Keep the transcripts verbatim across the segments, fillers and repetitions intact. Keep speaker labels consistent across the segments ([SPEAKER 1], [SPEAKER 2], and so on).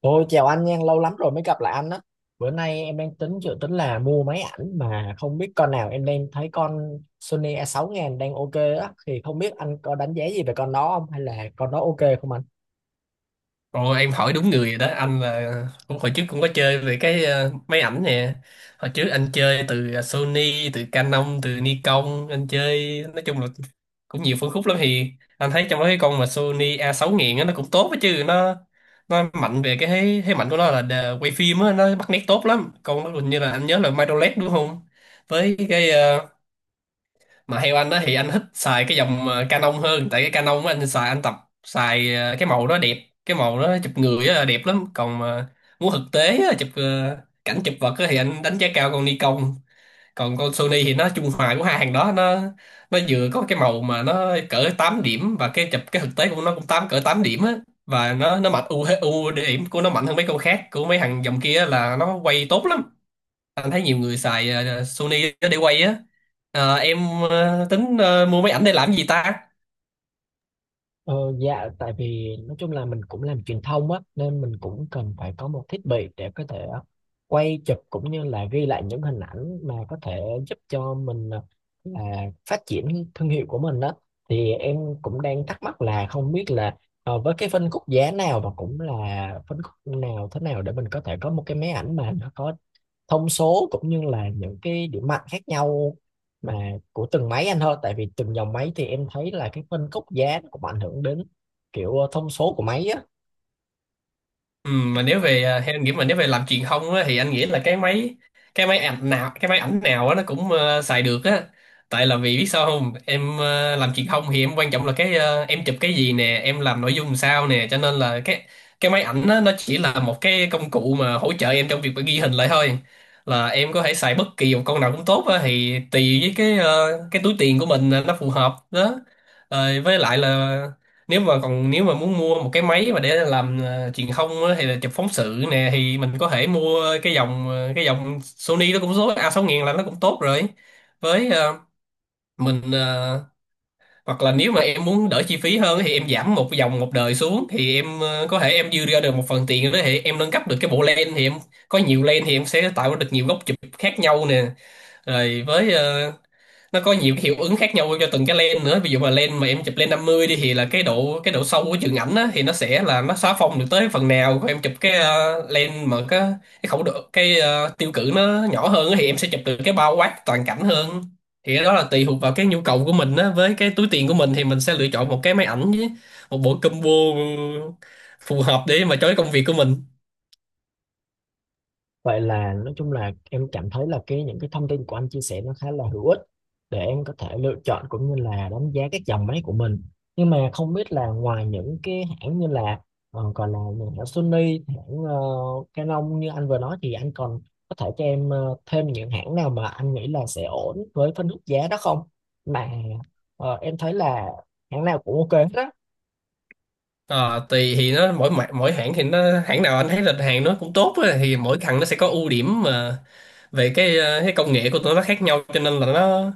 [SPEAKER 1] Tôi chào anh nha, lâu lắm rồi mới gặp lại anh á. Bữa nay em đang tính dự tính là mua máy ảnh mà không biết con nào, em đang thấy con Sony A sáu không không không đang ok á, thì không biết anh có đánh giá gì về con đó không, hay là con đó ok không?
[SPEAKER 2] Ồ, em hỏi đúng người rồi đó. Anh là cũng hồi trước cũng có chơi về cái ờ, máy ảnh nè. Hồi trước anh chơi từ ờ, Sony, từ Canon, từ Nikon, anh chơi nói chung là cũng nhiều phân khúc lắm. Thì anh thấy trong đó cái con mà Sony A sáu nghìn á nó cũng tốt á chứ. Nó nó mạnh về cái thế thế mạnh của nó là đờ- quay phim á, nó bắt nét tốt lắm. Con nó hình như là anh nhớ là micro L E D đúng không, với cái ờ, mà theo anh á, thì anh thích xài cái dòng ờ, Canon hơn, tại cái Canon của anh xài anh tập xài ờ, cái màu đó đẹp, cái màu đó chụp người á, đẹp lắm. Còn mà muốn thực tế á, chụp ờ, cảnh, chụp vật á, thì anh đánh giá cao con Nikon. Còn con Sony thì nó trung hòa của hai hàng đó. Nó nó vừa có cái màu mà nó cỡ tám điểm, và cái chụp cái thực tế của nó cũng tám, cỡ tám điểm á. Và nó nó mạnh, ưu ưu điểm của nó mạnh hơn mấy con khác của mấy thằng dòng kia là nó quay tốt lắm. Anh thấy nhiều người xài ờ, Sony để quay á. Ờ, em ờ, tính ờ, mua máy ảnh để làm gì ta?
[SPEAKER 1] Ờ, dạ tại vì nói chung là mình cũng làm truyền thông á, nên mình cũng cần phải có một thiết bị để có thể quay chụp cũng như là ghi lại những hình ảnh mà có thể giúp cho mình à, phát triển thương hiệu của mình đó. Thì em cũng đang thắc mắc là không biết là ờ, với cái phân khúc giá nào, và cũng là phân khúc nào, thế nào để mình có thể có một cái máy ảnh mà nó có thông số cũng như là những cái điểm mạnh khác nhau mà của từng máy anh, thôi tại vì từng dòng máy thì em thấy là cái phân khúc giá nó cũng ảnh hưởng đến kiểu ờ, thông số của máy á.
[SPEAKER 2] Ừ, mà nếu về à, theo anh nghĩ mà nếu về làm truyền thông á, thì anh nghĩ là cái máy, cái máy ảnh nào cái máy ảnh nào á, nó cũng ờ, xài được á. Tại là vì biết sao không em, ờ, làm truyền thông thì em quan trọng là cái ờ, em chụp cái gì nè, em làm nội dung làm sao nè, cho nên là cái cái máy ảnh á, nó chỉ là một cái công cụ mà hỗ trợ em trong việc mà ghi hình lại thôi. Là em có thể xài bất kỳ một con nào cũng tốt á, thì tùy với cái ờ, cái túi tiền của mình là nó phù hợp đó. Rồi với lại là nếu mà, còn nếu mà muốn mua một cái máy mà để làm ờ, truyền thông á, hay là chụp phóng sự nè, thì mình có thể mua cái dòng ờ, cái dòng Sony nó cũng số A sáu nghìn sáu nghìn là nó cũng tốt rồi. Với ờ, mình ờ, hoặc là nếu mà em muốn đỡ chi phí hơn thì em giảm một dòng, một đời xuống, thì em ờ, có thể em dư ra được một phần tiền đó, thì em nâng cấp được cái bộ lens, thì em có nhiều lens thì em sẽ tạo được nhiều góc chụp khác nhau nè. Rồi với ờ, nó có nhiều cái hiệu ứng khác nhau cho từng cái lens nữa. Ví dụ mà lens mà em chụp lens năm mươi đi, thì là cái độ, cái độ sâu của trường ảnh á, thì nó sẽ là nó xóa phông được tới phần nào. Còn em chụp cái ờ, lens mà cái cái khẩu độ, cái ờ, tiêu cự nó nhỏ hơn á, thì em sẽ chụp được cái bao quát toàn cảnh hơn. Thì cái đó là tùy thuộc vào cái nhu cầu của mình á, với cái túi tiền của mình, thì mình sẽ lựa chọn một cái máy ảnh với một bộ combo phù hợp để mà cho cái công việc của mình.
[SPEAKER 1] Vậy là nói chung là em cảm thấy là cái những cái thông tin của anh chia sẻ nó khá là hữu ích để em có thể lựa chọn cũng như là đánh giá các dòng máy của mình. Nhưng mà không biết là ngoài những cái hãng như là ờ, còn là những hãng Sony, hãng ờ, Canon như anh vừa nói, thì anh còn có thể cho em ờ, thêm những hãng nào mà anh nghĩ là sẽ ổn với phân khúc giá đó không? Mà ờ, em thấy là hãng nào cũng ok hết á.
[SPEAKER 2] Ờ, tùy, thì nó mỗi mã- mỗi hãng thì nó, hãng nào anh thấy là hàng nó cũng tốt á, thì mỗi thằng nó sẽ có ưu điểm mà. Vậy cái ờ, cái công nghệ của tụi nó khác nhau, cho nên là nó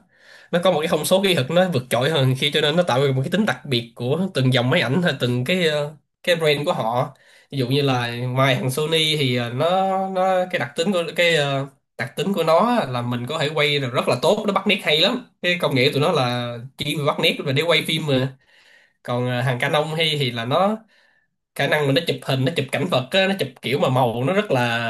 [SPEAKER 2] nó có một cái thông số kỹ thuật nó vượt trội hơn, khi cho nên nó tạo ra một cái tính đặc biệt của từng dòng máy ảnh hay từng cái ờ, cái brand của họ. Ví dụ như là ngoài thằng Sony thì ờ, nó nó cái đặc tính của cái ờ, đặc tính của nó là mình có thể quay được rất là tốt, nó bắt nét hay lắm, cái công nghệ của tụi nó là chỉ bắt nét và để quay phim mà. Còn ờ, hàng Canon hay thì là nó khả năng là nó chụp hình, nó chụp cảnh vật á, nó chụp kiểu mà màu nó rất là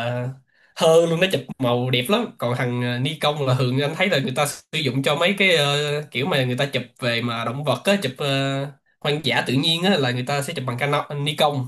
[SPEAKER 2] hơ luôn, nó chụp màu đẹp lắm. Còn thằng ờ, Nikon là thường anh thấy là người ta sử dụng cho mấy cái ờ, kiểu mà người ta chụp về mà động vật á, chụp ờ, hoang dã tự nhiên á, là người ta sẽ chụp bằng Canon, Nikon.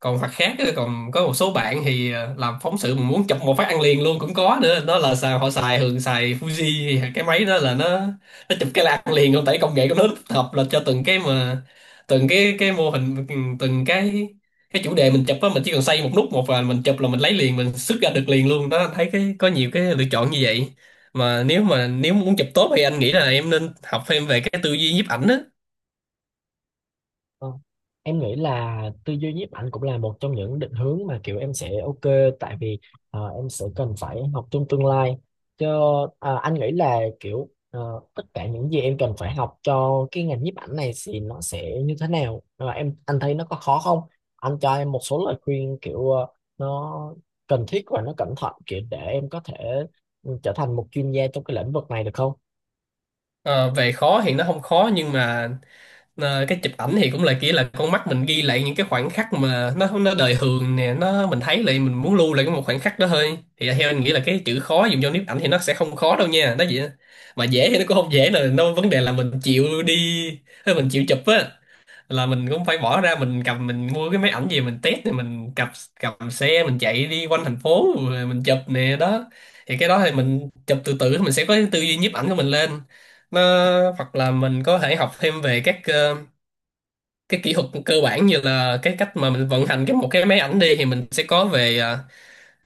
[SPEAKER 2] Còn mặt khác á, còn có một số bạn thì ờ, làm phóng sự mà muốn chụp một phát ăn liền luôn cũng có nữa, đó là xài, họ xài, thường xài Fuji. Thì cái máy đó là nó nó chụp cái là ăn liền luôn, tại công nghệ của nó tích hợp là cho từng cái mà từng cái cái mô hình, từng cái cái chủ đề mình chụp á, mình chỉ cần xoay một nút một và mình chụp là mình lấy liền, mình xuất ra được liền luôn đó. Thấy cái có nhiều cái lựa chọn như vậy. Mà nếu mà, nếu muốn chụp tốt thì anh nghĩ là em nên học thêm về cái tư duy nhiếp ảnh á.
[SPEAKER 1] Ờ, em nghĩ là tư duy nhiếp ảnh cũng là một trong những định hướng mà kiểu em sẽ ok, tại vì ờ, em sẽ cần phải học trong tương lai cho ờ, anh nghĩ là kiểu ờ, tất cả những gì em cần phải học cho cái ngành nhiếp ảnh này thì nó sẽ như thế nào. Ờ, em anh thấy nó có khó không, anh cho em một số lời khuyên kiểu ờ, nó cần thiết và nó cẩn thận kiểu để em có thể ừ, trở thành một chuyên gia trong cái lĩnh vực này được không?
[SPEAKER 2] Ờ, về khó thì nó không khó, nhưng mà Ờ, cái chụp ảnh thì cũng là kiểu là con mắt mình ghi lại những cái khoảnh khắc mà nó nó đời thường nè, nó mình thấy lại mình muốn lưu lại cái một khoảnh khắc đó thôi, thì theo anh nghĩ là cái chữ khó dùng cho nhiếp ảnh thì nó sẽ không khó đâu nha, đó vậy á. Mà dễ thì nó cũng không dễ nè, nó vấn đề là mình chịu đi hay mình chịu chụp á, là mình cũng phải bỏ ra, mình cầm, mình mua cái máy ảnh gì mình test thì mình cầm, cầm xe mình chạy đi quanh thành phố rồi mình chụp nè đó. Thì cái đó thì mình chụp từ từ mình sẽ có cái tư duy nhiếp ảnh của mình lên. Nó hoặc là mình có thể học thêm về các ờ, cái kỹ thuật cơ bản, như là cái cách mà mình vận hành cái một cái máy ảnh đi, thì mình sẽ có về à,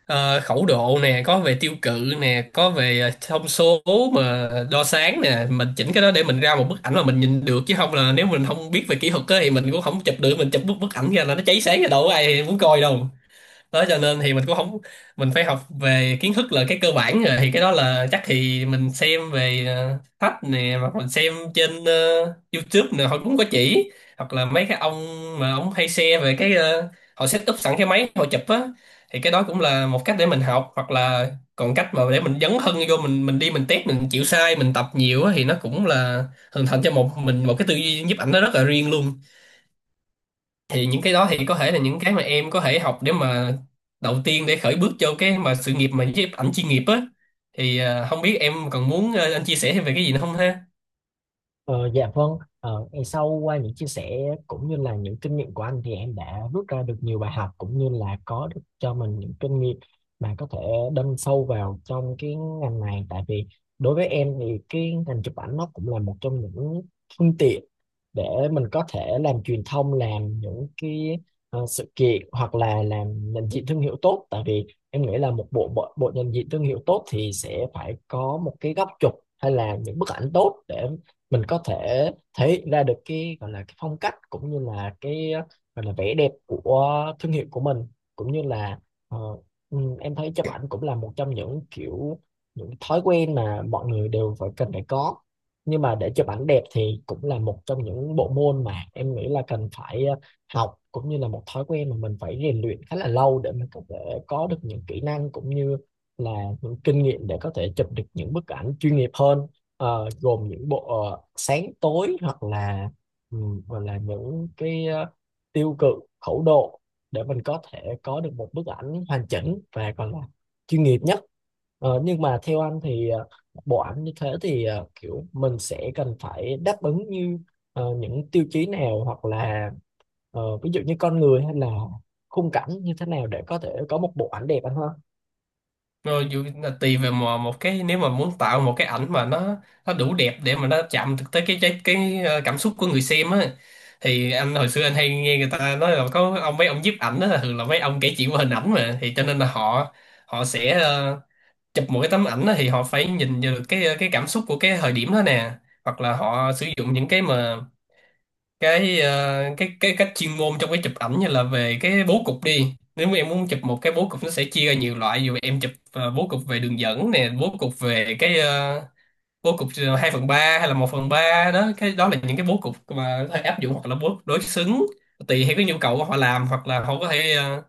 [SPEAKER 2] à, khẩu độ nè, có về tiêu cự nè, có về à, thông số mà đo sáng nè, mình chỉnh cái đó để mình ra một bức ảnh mà mình nhìn được. Chứ không là nếu mình không biết về kỹ thuật á thì mình cũng không chụp được, mình chụp bức bức ảnh ra là nó cháy sáng ra, đâu có ai muốn coi đâu. Đó, cho nên thì mình cũng không, mình phải học về kiến thức là cái cơ bản rồi. Thì cái đó là chắc thì mình xem về ờ, sách nè, hoặc mình xem trên ờ, YouTube nè, họ cũng có chỉ, hoặc là mấy cái ông mà ông hay share về cái ờ, họ set up sẵn cái máy họ chụp á, thì cái đó cũng là một cách để mình học. Hoặc là còn cách mà để mình dấn thân vô, mình mình đi, mình test, mình chịu sai, mình tập nhiều á, thì nó cũng là hình thành cho một mình một cái tư duy nhiếp ảnh nó rất là riêng luôn. Thì những cái đó thì có thể là những cái mà em có thể học để mà đầu tiên để khởi bước cho cái mà sự nghiệp mà nhiếp ảnh chuyên nghiệp á. Thì à, không biết em còn muốn ờ, anh chia sẻ thêm về cái gì nữa không ha?
[SPEAKER 1] Ờ, dạ vâng, ờ, ngày sau qua những chia sẻ cũng như là những kinh nghiệm của anh thì em đã rút ra được nhiều bài học cũng như là có được cho mình những kinh nghiệm mà có thể đâm sâu vào trong cái ngành này, tại vì đối với em thì cái ngành chụp ảnh nó cũng là một trong những phương tiện để mình có thể làm truyền thông, làm những cái ờ, sự kiện, hoặc là làm nhận diện thương hiệu tốt, tại vì em nghĩ là một bộ bộ, bộ nhận diện thương hiệu tốt thì sẽ phải có một cái góc chụp hay là những bức ảnh tốt để mình có thể thể hiện ra được cái gọi là cái phong cách cũng như là cái ờ, gọi là vẻ đẹp của thương hiệu của mình, cũng như là ờ, ừ, em thấy chụp ảnh cũng là một trong những kiểu những thói quen mà mọi người đều phải cần phải có. Nhưng mà để chụp ảnh đẹp thì cũng là một trong những bộ môn mà em nghĩ là cần phải ờ, học, cũng như là một thói quen mà mình phải rèn luyện khá là lâu để mình có thể có được những kỹ năng cũng như là những kinh nghiệm để có thể chụp được những bức ảnh chuyên nghiệp hơn. Ờ, gồm những bộ ờ, sáng tối, hoặc là ừm, hoặc là những cái ờ, tiêu cự, khẩu độ để mình có thể có được một bức ảnh hoàn chỉnh và còn là chuyên nghiệp nhất. Ờ, nhưng mà theo anh thì ờ, bộ ảnh như thế thì ờ, kiểu mình sẽ cần phải đáp ứng như ờ, những tiêu chí nào, hoặc là ờ, ví dụ như con người hay là khung cảnh như thế nào để có thể có một bộ ảnh đẹp anh ha?
[SPEAKER 2] Rồi dù là tùy về mà một cái, nếu mà muốn tạo một cái ảnh mà nó nó đủ đẹp để mà nó chạm được tới cái cái, cái ờ, cảm xúc của người xem á, thì anh hồi xưa anh hay nghe người ta nói là có ông, mấy ông nhiếp ảnh đó là thường là mấy ông kể chuyện qua hình ảnh mà, thì cho nên là họ, họ sẽ ờ, chụp một cái tấm ảnh á, thì họ phải nhìn vào được cái cái cảm xúc của cái thời điểm đó nè. Hoặc là họ sử dụng những cái mà cái ờ, cái cái cách chuyên môn trong cái chụp ảnh, như là về cái bố cục đi. Nếu mà em muốn chụp một cái bố cục, nó sẽ chia ra nhiều loại, dù em chụp ờ, bố cục về đường dẫn nè, bố cục về cái ờ, bố cục ờ, hai phần ba hay là một phần ba đó. Cái đó là những cái bố cục mà có thể áp dụng, hoặc là bố đối xứng, tùy theo cái nhu cầu của Họ làm hoặc là họ có thể ờ,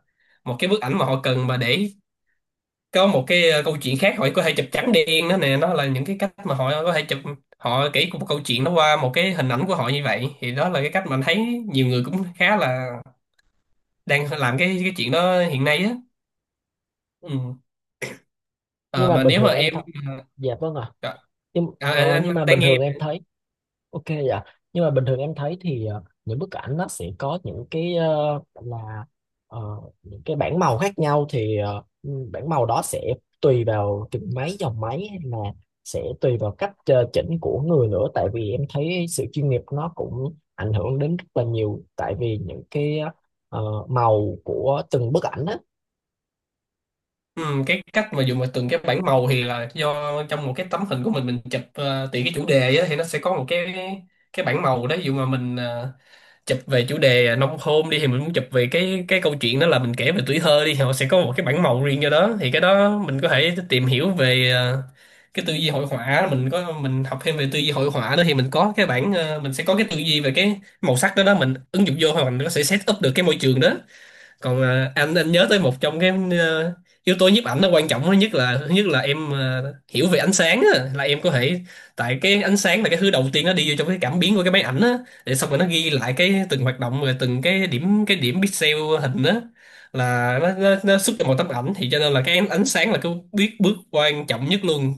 [SPEAKER 2] một cái bức ảnh mà họ cần mà để có một cái ờ, câu chuyện khác, họ có thể chụp trắng đen đó nè. Nó là những cái cách mà họ có thể chụp, họ kể một câu chuyện nó qua một cái hình ảnh của họ. Như vậy thì đó là cái cách mà anh thấy nhiều người cũng khá là đang làm cái cái chuyện đó hiện nay á. Ừ.
[SPEAKER 1] Nhưng
[SPEAKER 2] Ờ,
[SPEAKER 1] mà
[SPEAKER 2] mà
[SPEAKER 1] bình
[SPEAKER 2] nếu mà
[SPEAKER 1] thường em
[SPEAKER 2] em
[SPEAKER 1] th- Dạ vâng ạ.
[SPEAKER 2] à,
[SPEAKER 1] Nhưng
[SPEAKER 2] anh, anh
[SPEAKER 1] ờ, nhưng
[SPEAKER 2] anh
[SPEAKER 1] mà bình
[SPEAKER 2] đang nghe.
[SPEAKER 1] thường em thấy, ok dạ. Nhưng mà bình thường em thấy thì ờ, những bức ảnh nó sẽ có những cái ờ, gọi là ờ, những cái bảng màu khác nhau. Thì ờ, ừ, bảng màu đó sẽ tùy vào từng máy dòng máy, hay là sẽ tùy vào cách ờ, chỉnh của người nữa, tại vì em thấy sự chuyên nghiệp nó cũng ảnh hưởng đến rất là nhiều, tại vì những cái ờ, màu của từng bức ảnh á.
[SPEAKER 2] Ừ, cái cách mà dùng mà từng cái bảng màu thì là do trong một cái tấm hình của mình mình chụp, ờ, tùy cái chủ đề á thì nó sẽ có một cái cái bảng màu đó. Ví dụ mà mình ờ, chụp về chủ đề nông thôn đi, thì mình muốn chụp về cái cái câu chuyện đó là mình kể về tuổi thơ đi, thì họ sẽ có một cái bản màu riêng cho đó. Thì cái đó mình có thể tìm hiểu về ờ, cái tư duy hội họa, mình có mình học thêm về tư duy hội họa đó, thì mình có cái bản ờ, mình sẽ có cái tư duy về cái màu sắc đó. Đó, mình ứng dụng vô, hoặc mình có thể set up được cái môi trường đó. Còn à, anh anh nhớ tới một trong cái ờ, yếu tố nhiếp ảnh nó quan trọng nhất là thứ nhất là em ờ, hiểu về ánh sáng á, là em có thể, tại cái ánh sáng là cái thứ đầu tiên nó đi vô trong cái cảm biến của cái máy ảnh á, để xong rồi nó ghi lại cái từng hoạt động, rồi từng cái điểm cái điểm pixel hình á, là nó, nó, nó xuất ra một tấm ảnh. Thì cho nên là cái ánh sáng là cái biết bước quan trọng nhất luôn.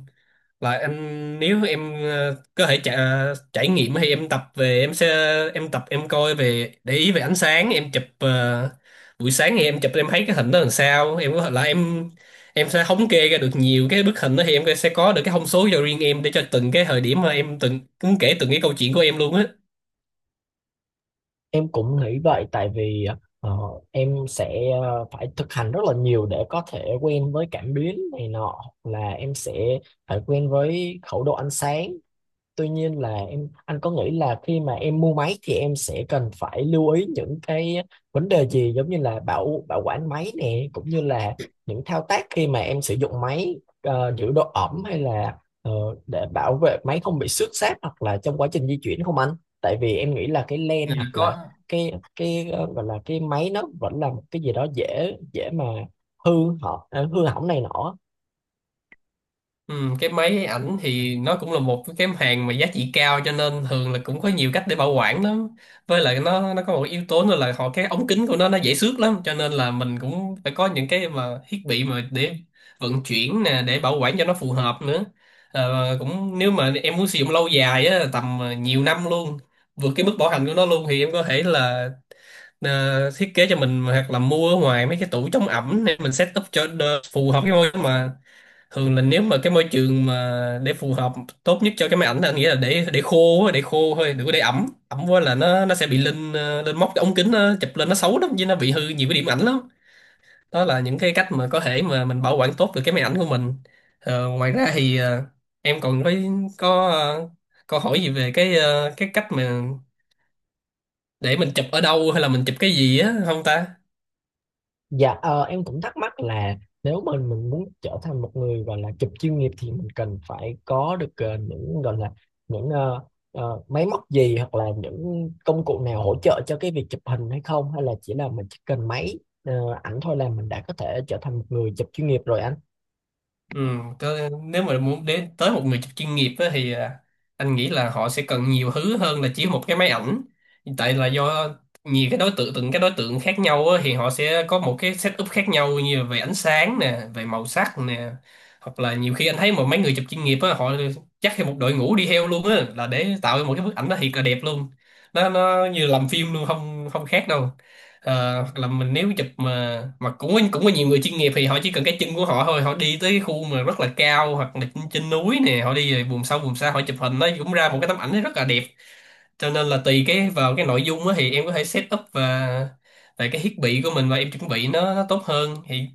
[SPEAKER 2] Là em, nếu em ờ, có thể trải, trải nghiệm thì em tập về, em sẽ em tập em coi về để ý về ánh sáng. Em chụp ờ, buổi sáng thì em chụp em thấy cái hình đó làm sao, em có thể là em em sẽ thống kê ra được nhiều cái bức hình đó, thì em sẽ có được cái thông số cho riêng em để cho từng cái thời điểm mà em từng cũng kể từng cái câu chuyện của em luôn á.
[SPEAKER 1] Em cũng nghĩ vậy, tại vì ờ, em sẽ ờ, phải thực hành rất là nhiều để có thể quen với cảm biến này nọ, hoặc là em sẽ phải quen với khẩu độ ánh sáng. Tuy nhiên là em anh có nghĩ là khi mà em mua máy thì em sẽ cần phải lưu ý những cái vấn đề gì, giống như là bảo bảo quản máy nè, cũng như là những thao tác khi mà em sử dụng máy, ờ, giữ độ ẩm, hay là ờ, để bảo vệ máy không bị xước xát hoặc là trong quá trình di chuyển không anh? Tại vì em nghĩ là cái
[SPEAKER 2] Ừ,
[SPEAKER 1] len, hoặc là
[SPEAKER 2] có.
[SPEAKER 1] cái cái ờ, gọi là cái máy, nó vẫn là một cái gì đó dễ dễ mà hư, họ ờ, hư hỏng này nọ.
[SPEAKER 2] Ừ, cái máy ảnh thì nó cũng là một cái hàng mà giá trị cao, cho nên thường là cũng có nhiều cách để bảo quản lắm. Với lại nó nó có một yếu tố nữa là họ cái ống kính của nó nó dễ xước lắm, cho nên là mình cũng phải có những cái mà thiết bị mà để vận chuyển nè, để bảo quản cho nó phù hợp nữa. Ờ, cũng nếu mà em muốn sử dụng lâu dài á, tầm ờ, nhiều năm luôn, vượt cái mức bảo hành của nó luôn, thì em có thể là ờ, thiết kế cho mình hoặc là mua ở ngoài mấy cái tủ chống ẩm để mình set up cho đ- phù hợp cái môi trường. Mà thường là nếu mà cái môi trường mà để phù hợp tốt nhất cho cái máy ảnh là anh nghĩ là để để khô á, để khô thôi, đừng có để ẩm ẩm quá là nó nó sẽ bị lên ờ, lên móc cái ống kính, nó chụp lên nó xấu lắm, chứ nó bị hư nhiều cái điểm ảnh lắm. Đó là những cái cách mà có thể mà mình bảo quản tốt được cái máy ảnh của mình. Ờ, ngoài ra thì ờ, em còn có có ờ, câu hỏi gì về cái ờ, cái cách mà để mình chụp ở đâu hay là mình chụp cái gì á không ta?
[SPEAKER 1] Dạ ờ, em cũng thắc mắc là nếu mình mình muốn trở thành một người gọi là chụp chuyên nghiệp, thì mình cần phải có được ờ, những gọi là những ờ, ờ, máy móc gì, hoặc là những công cụ nào hỗ trợ cho cái việc chụp hình hay không, hay là chỉ là mình chỉ cần máy ờ, ảnh thôi là mình đã có thể trở thành một người chụp chuyên nghiệp rồi anh?
[SPEAKER 2] Ừ, cơ, nếu mà muốn đến tới một người chụp chuyên nghiệp á, thì à, anh nghĩ là họ sẽ cần nhiều thứ hơn là chỉ một cái máy ảnh. Tại là do nhiều cái đối tượng, từng cái đối tượng khác nhau á, thì họ sẽ có một cái setup khác nhau, như là về ánh sáng nè, về màu sắc nè, hoặc là nhiều khi anh thấy một mấy người chụp chuyên nghiệp á, họ chắc thêm một đội ngũ đi theo luôn á, là để tạo ra một cái bức ảnh nó thiệt là đẹp luôn. Nó nó như làm phim luôn, không không khác đâu. Ờ, hoặc là mình nếu chụp mà mà cũng có, cũng có nhiều người chuyên nghiệp thì họ chỉ cần cái chân của họ thôi, họ đi tới cái khu mà rất là cao, hoặc là trên, trên núi nè, họ đi về vùng sâu vùng xa họ chụp hình, nó cũng ra một cái tấm ảnh rất là đẹp. Cho nên là tùy cái vào cái nội dung á, thì em có thể set up và về cái thiết bị của mình, và em chuẩn bị nó, nó tốt hơn, thì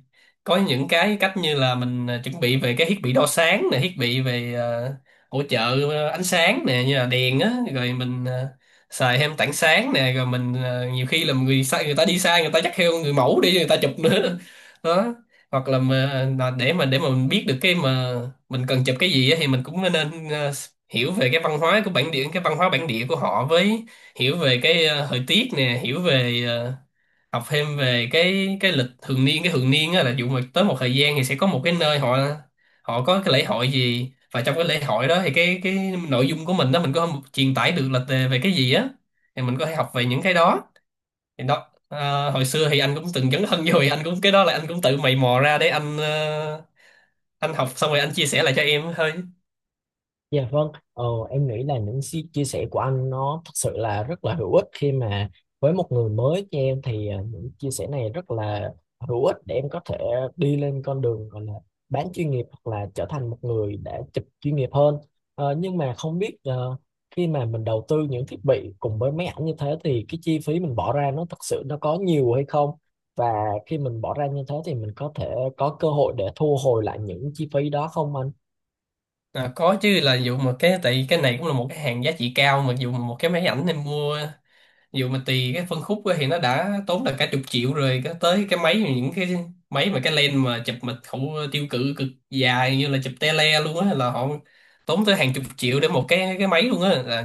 [SPEAKER 2] có những cái cách như là mình à, chuẩn bị về cái thiết bị đo sáng nè, thiết bị về à, hỗ trợ à, ánh sáng nè, như là đèn á, rồi mình à, xài thêm tảng sáng nè, rồi mình à, nhiều khi là người sai người ta đi, sai người ta dắt theo người mẫu đi người ta chụp nữa. Đó, hoặc là mà là để mà để mà mình biết được cái mà mình cần chụp cái gì á, thì mình cũng nên ờ, hiểu về cái văn hóa của bản địa, cái văn hóa bản địa của họ, với hiểu về cái ờ, thời tiết nè, hiểu về ờ, học thêm về cái cái lịch thường niên, cái thường niên á, là dụ mà tới một thời gian thì sẽ có một cái nơi họ họ có cái lễ hội gì, và trong cái lễ hội đó thì cái cái nội dung của mình đó mình có truyền tải được là về cái gì á, thì mình có thể học về những cái đó. Thì đó à, hồi xưa thì anh cũng từng dấn thân vô, thì anh cũng cái đó là anh cũng tự mày mò ra để anh ờ, anh học xong rồi anh chia sẻ lại cho em thôi.
[SPEAKER 1] Dạ vâng, ờ, em nghĩ là những si- chia sẻ của anh nó thật sự là rất là hữu ích, khi mà với một người mới như em thì ờ, những chia sẻ này rất là hữu ích để em có thể đi lên con đường gọi là bán chuyên nghiệp, hoặc là trở thành một người đã chụp chuyên nghiệp hơn. Ờ, nhưng mà không biết ờ, khi mà mình đầu tư những thiết bị cùng với máy ảnh như thế thì cái chi phí mình bỏ ra nó thật sự nó có nhiều hay không? Và khi mình bỏ ra như thế thì mình có thể có cơ hội để thu hồi lại những chi phí đó không anh?
[SPEAKER 2] À, có chứ, là dụ mà cái tại vì cái này cũng là một cái hàng giá trị cao, mà dụ mà một cái máy ảnh em mua dù mà tùy cái phân khúc á, thì nó đã tốn là cả chục triệu rồi, cái tới cái máy, những cái máy mà cái lens mà chụp mà khẩu tiêu cự cực dài như là chụp tele luôn á, là họ tốn tới hàng chục triệu để một cái cái máy luôn á, là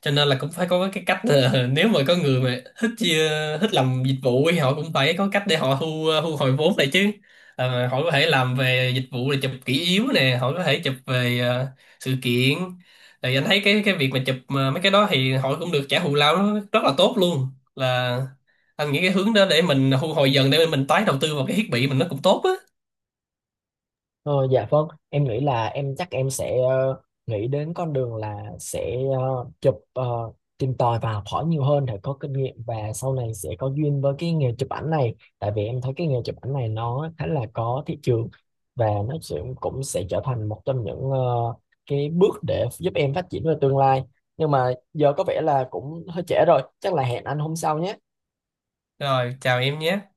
[SPEAKER 2] cho nên là cũng phải có cái cách là, nếu mà có người mà thích chia- thích làm dịch vụ thì họ cũng phải có cách để họ thu ờ, thu hồi vốn lại chứ. Ờ, họ có thể làm về dịch vụ là chụp kỷ yếu nè, họ có thể chụp về ờ, sự kiện, thì anh thấy cái cái việc mà chụp mà mấy cái đó thì họ cũng được trả thù lao nó rất là tốt luôn. Là anh nghĩ cái hướng đó để mình thu hồi dần để mình tái đầu tư vào cái thiết bị mình nó cũng tốt á.
[SPEAKER 1] Ờ, dạ vâng, em nghĩ là em chắc em sẽ ờ, nghĩ đến con đường là sẽ ờ, chụp ờ, tìm tòi và học hỏi nhiều hơn để có kinh nghiệm, và sau này sẽ có duyên với cái nghề chụp ảnh này. Tại vì em thấy cái nghề chụp ảnh này nó khá là có thị trường, và nó sẽ cũng sẽ trở thành một trong những ờ, cái bước để giúp em phát triển về tương lai. Nhưng mà giờ có vẻ là cũng hơi trễ rồi, chắc là hẹn anh hôm sau nhé.
[SPEAKER 2] Rồi, chào em nhé.